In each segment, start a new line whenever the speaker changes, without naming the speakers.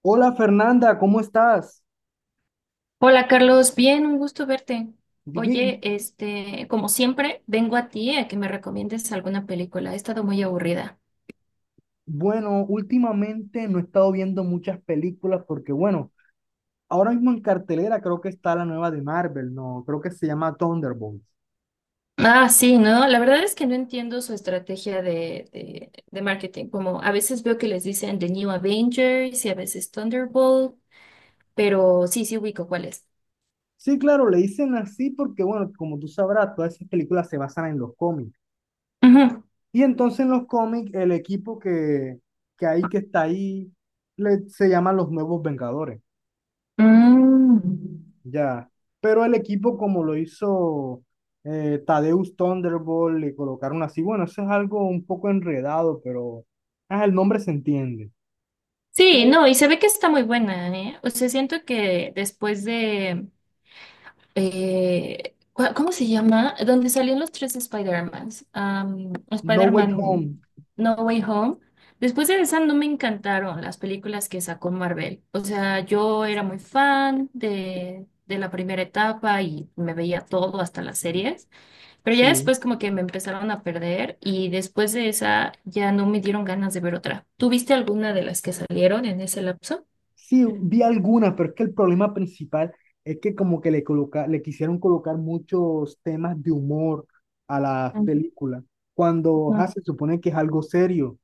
Hola Fernanda, ¿cómo estás?
Hola Carlos, bien, un gusto verte.
Digo,
Oye,
y,
como siempre, vengo a ti a que me recomiendes alguna película. He estado muy aburrida.
Bueno, últimamente no he estado viendo muchas películas porque, ahora mismo en cartelera creo que está la nueva de Marvel, ¿no? Creo que se llama Thunderbolts.
Ah, sí, ¿no? La verdad es que no entiendo su estrategia de marketing. Como a veces veo que les dicen The New Avengers y a veces Thunderbolt, pero sí, sí ubico cuál es.
Sí, claro, le dicen así porque, bueno, como tú sabrás, todas esas películas se basan en los cómics.
Ujú.
Y entonces en los cómics el equipo que hay que está ahí se llaman los Nuevos Vengadores.
Mm.
Ya, pero el equipo como lo hizo Tadeusz Thunderbolt, le colocaron así, bueno, eso es algo un poco enredado, pero el nombre se entiende.
Sí, no, y se ve que está muy buena, ¿eh? O sea, siento que después de ¿cómo se llama? Donde salían los tres Spider-Mans.
No Way
Spider-Man
Home,
No Way Home. Después de esa no me encantaron las películas que sacó Marvel. O sea, yo era muy fan de la primera etapa y me veía todo, hasta las series. Pero ya
sí,
después como que me empezaron a perder y después de esa ya no me dieron ganas de ver otra. ¿Tuviste alguna de las que salieron en ese lapso?
sí, vi algunas, pero es que el problema principal es que como que le quisieron colocar muchos temas de humor a las películas, cuando
Ujú.
se supone que es algo serio.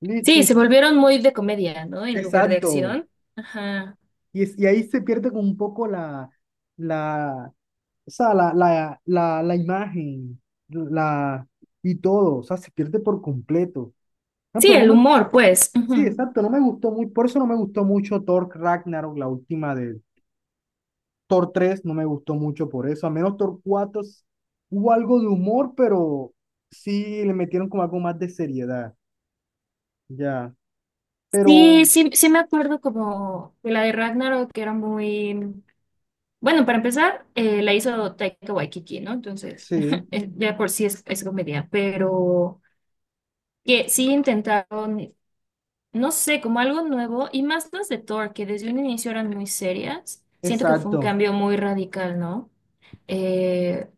Listo,
Sí,
y-
se volvieron muy de comedia, ¿no? En lugar de
exacto.
acción. Ajá.
Y, y ahí se pierde como un poco la o sea, la imagen, la, y todo, o sea, se pierde por completo. Por
Sí,
ejemplo, no
el
me gustó,
humor, pues.
sí,
Ujú.
exacto, no me gustó muy, por eso no me gustó mucho Thor Ragnarok, la última de. Thor 3 no me gustó mucho por eso, a menos Thor 4 hubo algo de humor, pero sí le metieron como algo más de seriedad, ya, pero
Sí, sí, sí me acuerdo como de la de Ragnarok, que era muy... Bueno, para empezar, la hizo Taika Waititi, ¿no? Entonces,
sí,
ya por sí es comedia, pero que sí intentaron, no sé, como algo nuevo, y más las de Thor, que desde un inicio eran muy serias. Siento que fue un
exacto.
cambio muy radical, ¿no? Eh,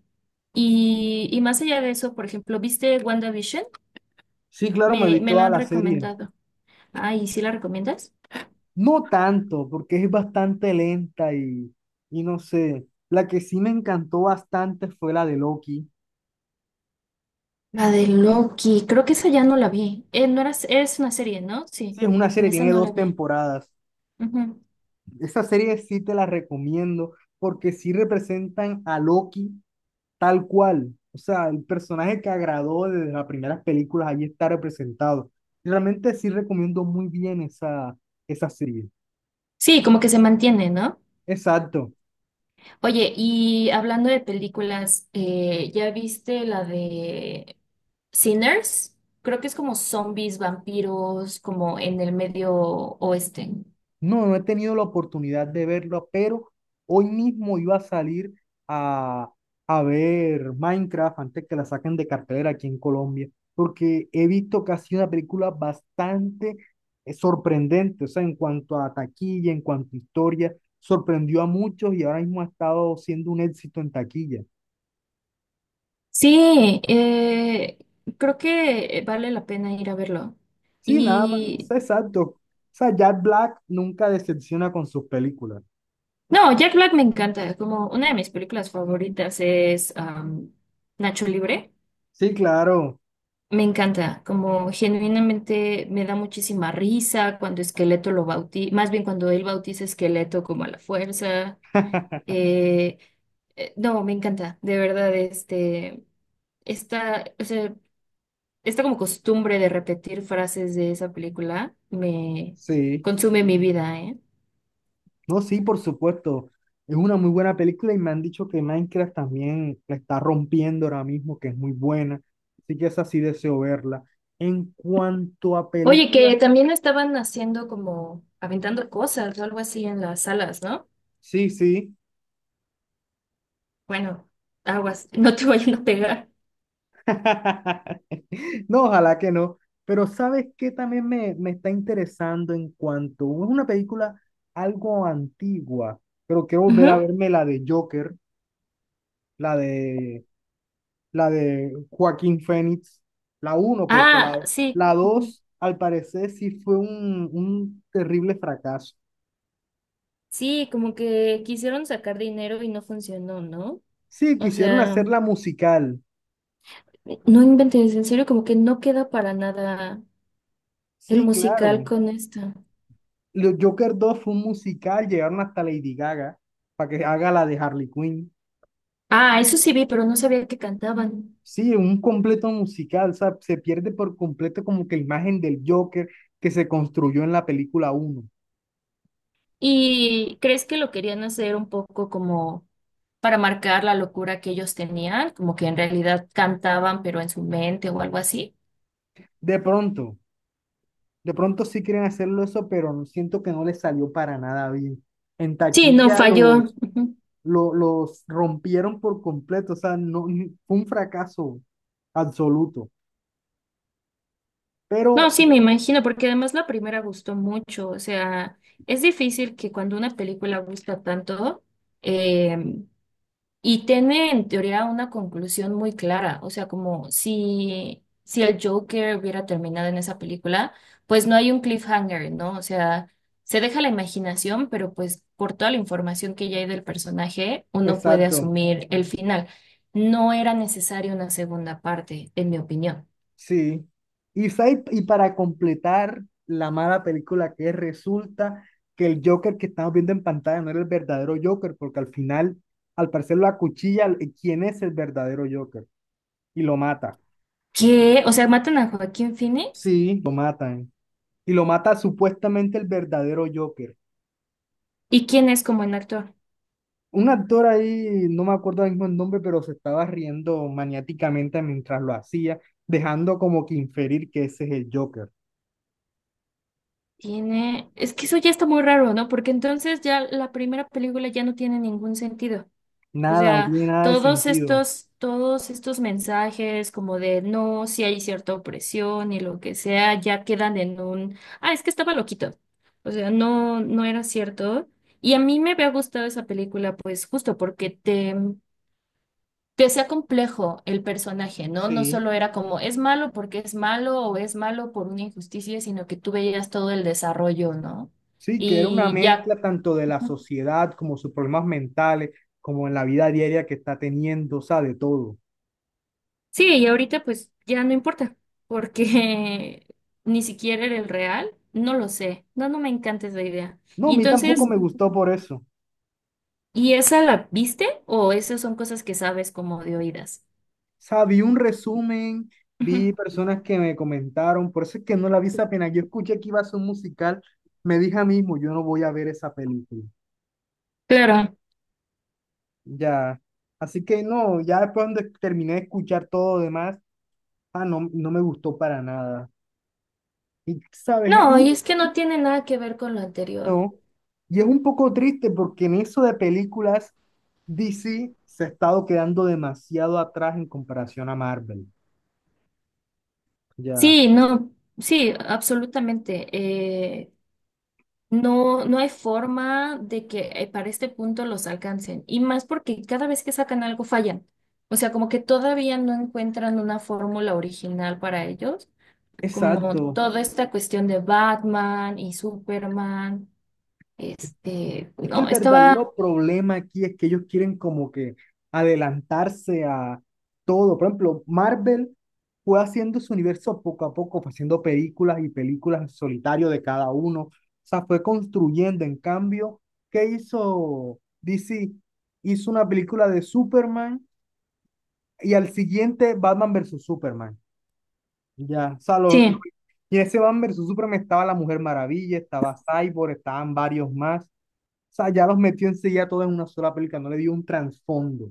y más allá de eso, por ejemplo, ¿viste WandaVision?
Sí, claro, me vi
Me la
toda
han
la serie.
recomendado. Ay, ¿sí la recomiendas?
No tanto, porque es bastante lenta y no sé. La que sí me encantó bastante fue la de Loki.
La de Loki, creo que esa ya no la vi. No era, es una serie, ¿no?
Sí,
Sí,
es una
de
serie,
esa
tiene
no la
dos
vi.
temporadas.
Ujú.
Esa serie sí te la recomiendo porque sí representan a Loki tal cual. O sea, el personaje que agradó desde las primeras películas, ahí está representado. Realmente sí recomiendo muy bien esa serie.
Sí, como que se mantiene, ¿no?
Exacto.
Oye, y hablando de películas, ¿ya viste la de Sinners? Creo que es como zombies, vampiros, como en el medio oeste.
No, no he tenido la oportunidad de verlo, pero hoy mismo iba a salir a, a ver Minecraft antes que la saquen de cartelera aquí en Colombia, porque he visto que ha sido una película bastante sorprendente, o sea, en cuanto a taquilla, en cuanto a historia, sorprendió a muchos y ahora mismo ha estado siendo un éxito en taquilla.
Sí, creo que vale la pena ir a verlo.
Sí, nada más, es
Y
exacto. O sea, Jack Black nunca decepciona con sus películas.
No, Jack Black me encanta. Como una de mis películas favoritas es Nacho Libre.
Sí, claro,
Me encanta. Como genuinamente me da muchísima risa cuando Esqueleto lo bautiza, más bien cuando él bautiza a Esqueleto como a la fuerza. Eh, no, me encanta. De verdad, o sea, esta como costumbre de repetir frases de esa película me
sí.
consume mi vida, ¿eh?
No, sí, por supuesto. Es una muy buena película y me han dicho que Minecraft también la está rompiendo ahora mismo, que es muy buena. Así que esa sí deseo verla. En cuanto a
Oye,
películas,
que también estaban haciendo como aventando cosas o algo así en las salas, ¿no?
sí, sí.
Bueno, aguas, no te vayan a pegar.
No, ojalá que no. Pero ¿sabes qué también me está interesando en cuanto? Es una película algo antigua, pero quiero volver a
Ujú.
verme la de Joker, la de la de. Joaquín Phoenix la uno porque
Ah, sí.
la
Ujú.
2 al parecer sí fue un terrible fracaso.
Sí, como que quisieron sacar dinero y no funcionó, ¿no?
Sí,
O
quisieron
sea,
hacerla musical.
no inventes, en serio, como que no queda para nada el
Sí,
musical
claro.
con esta.
Joker dos fue un musical, llegaron hasta Lady Gaga para que haga la de Harley Quinn.
Ah, eso sí vi, pero no sabía que cantaban.
Sí, un completo musical, o sea, se pierde por completo como que la imagen del Joker que se construyó en la película uno.
¿Y crees que lo querían hacer un poco como... para marcar la locura que ellos tenían, como que en realidad cantaban, pero en su mente o algo así?
De pronto, De pronto sí quieren hacerlo eso, pero siento que no les salió para nada bien. En
Sí, no
taquilla
falló.
los,
Ujú.
lo- los, rompieron por completo, o sea, no, fue un fracaso absoluto.
No,
Pero,
sí, me imagino, porque además la primera gustó mucho. O sea, es difícil que cuando una película gusta tanto, eh, Y tiene en teoría una conclusión muy clara, o sea, como si el Joker hubiera terminado en esa película, pues no hay un cliffhanger, ¿no? O sea, se deja la imaginación, pero pues por toda la información que ya hay del personaje, uno puede
exacto,
asumir el final. No era necesaria una segunda parte, en mi opinión.
sí. Y, y para completar la mala película que es, resulta que el Joker que estamos viendo en pantalla no era el verdadero Joker, porque al final, al parecer, lo acuchilla, ¿quién es el verdadero Joker? Y lo mata.
Que, o sea, matan a Joaquín Phoenix,
Sí, lo matan. Y lo mata supuestamente el verdadero Joker.
¿y quién es como en actor?
Un actor ahí, no me acuerdo ahora mismo el nombre, pero se estaba riendo maniáticamente mientras lo hacía, dejando como que inferir que ese es el Joker.
Tiene, es que eso ya está muy raro, ¿no? Porque entonces ya la primera película ya no tiene ningún sentido. O
Nada, no
sea,
tiene nada de sentido.
todos estos mensajes como de no, si hay cierta opresión y lo que sea, ya quedan en un, ah, es que estaba loquito. O sea, no, no era cierto. Y a mí me había gustado esa película, pues justo porque te hacía complejo el personaje, ¿no? No
Sí,
solo era como es malo porque es malo o es malo por una injusticia, sino que tú veías todo el desarrollo, ¿no?
sí, que era una
Y ya.
mezcla tanto de la sociedad como sus problemas mentales, como en la vida diaria que está teniendo, o sea, de todo.
Sí, y ahorita pues ya no importa, porque ni siquiera era el real, no lo sé, no, no me encanta esa idea.
No, a mí tampoco me
Mm.
gustó por eso.
¿Y esa la viste o esas son cosas que sabes como de oídas?
O sea, vi un resumen,
Ujú.
vi personas que me comentaron, por eso es que no la vi esa pena. Yo escuché que iba a ser un musical, me dije a mí mismo, yo no voy a ver esa película.
Claro.
Ya. Así que no, ya después cuando terminé de escuchar todo lo demás, ah, no, no me gustó para nada. Y sabes,
No, y es que no tiene nada que ver con lo anterior.
no. Y es un poco triste porque en eso de películas, DC se ha estado quedando demasiado atrás en comparación a Marvel. Ya.
Sí, no, sí, absolutamente. No, no hay forma de que para este punto los alcancen. Y más porque cada vez que sacan algo fallan. O sea, como que todavía no encuentran una fórmula original para ellos. Como
Exacto.
toda esta cuestión de Batman y Superman.
Es que el
No,
verdadero problema aquí es que ellos quieren como que adelantarse a todo. Por ejemplo, Marvel fue haciendo su universo poco a poco, fue haciendo películas y películas en solitario de cada uno. O sea, fue construyendo. En cambio, ¿qué hizo DC? Hizo una película de Superman y al siguiente Batman versus Superman. Ya, o sea,
sí,
y ese Batman versus Superman estaba la Mujer Maravilla, estaba Cyborg, estaban varios más. O sea, ya los metió enseguida todos en una sola película, no le dio un trasfondo.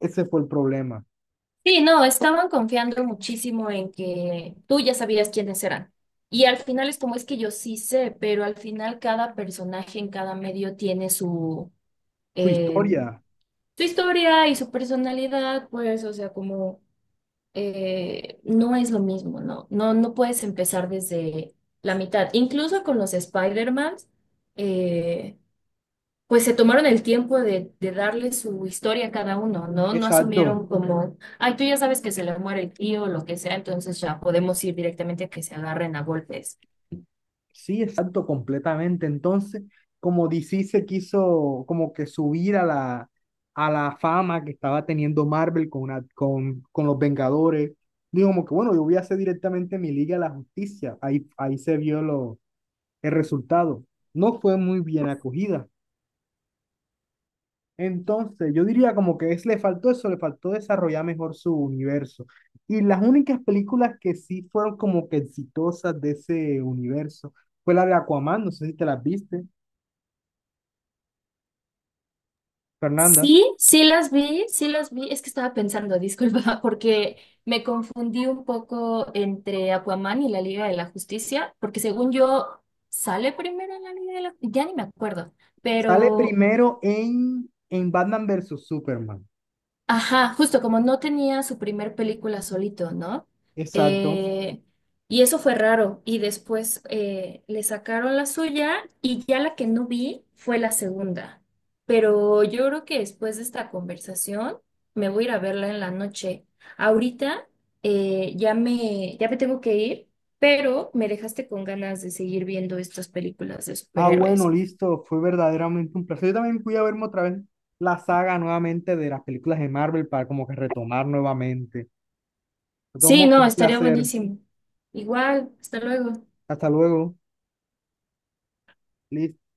Ese fue el problema.
sí, no, estaban confiando muchísimo en que tú ya sabías quiénes eran. Y al final es como es que yo sí sé, pero al final cada personaje en cada medio tiene su...
Su
em,
historia,
su historia y su personalidad, pues, o sea, como no es lo mismo, ¿no? No, no puedes empezar desde la mitad. Incluso con los Spider-Man, eh, pues se tomaron el tiempo de darle su historia a cada uno, ¿no? No
exacto,
asumieron como, ay, tú ya sabes que se le muere el tío o lo que sea, entonces ya podemos ir directamente a que se agarren a golpes.
sí, exacto, completamente. Entonces, como DC se quiso como que subir a a la fama que estaba teniendo Marvel con con los Vengadores, digo como que bueno, yo voy a hacer directamente mi Liga de la Justicia. Ahí se vio el resultado. No fue muy bien acogida. Entonces, yo diría como que es, le faltó eso, le faltó desarrollar mejor su universo. Y las únicas películas que sí fueron como que exitosas de ese universo fue la de Aquaman, no sé si te las viste, Fernanda.
Sí, sí las vi, sí las vi. Es que estaba pensando, disculpa, porque me confundí un poco entre Aquaman y la Liga de la Justicia, porque según yo, sale primero la Liga de la... Ya ni me acuerdo,
Sale
pero
primero en Batman versus Superman.
ajá, justo como no tenía su primer película solito, ¿no?
Exacto.
Eh, y eso fue raro. Y después le sacaron la suya y ya la que no vi fue la segunda. Pero yo creo que después de esta conversación me voy a ir a verla en la noche. Ahorita ya me tengo que ir, pero me dejaste con ganas de seguir viendo estas películas de
Ah, bueno,
superhéroes.
listo, fue verdaderamente un placer. Yo también fui a verme otra vez la saga nuevamente de las películas de Marvel para como que retomar nuevamente. Lo
Sí,
tomo, fue
no,
un
estaría
placer.
buenísimo. Igual, hasta luego.
Hasta luego. Listo.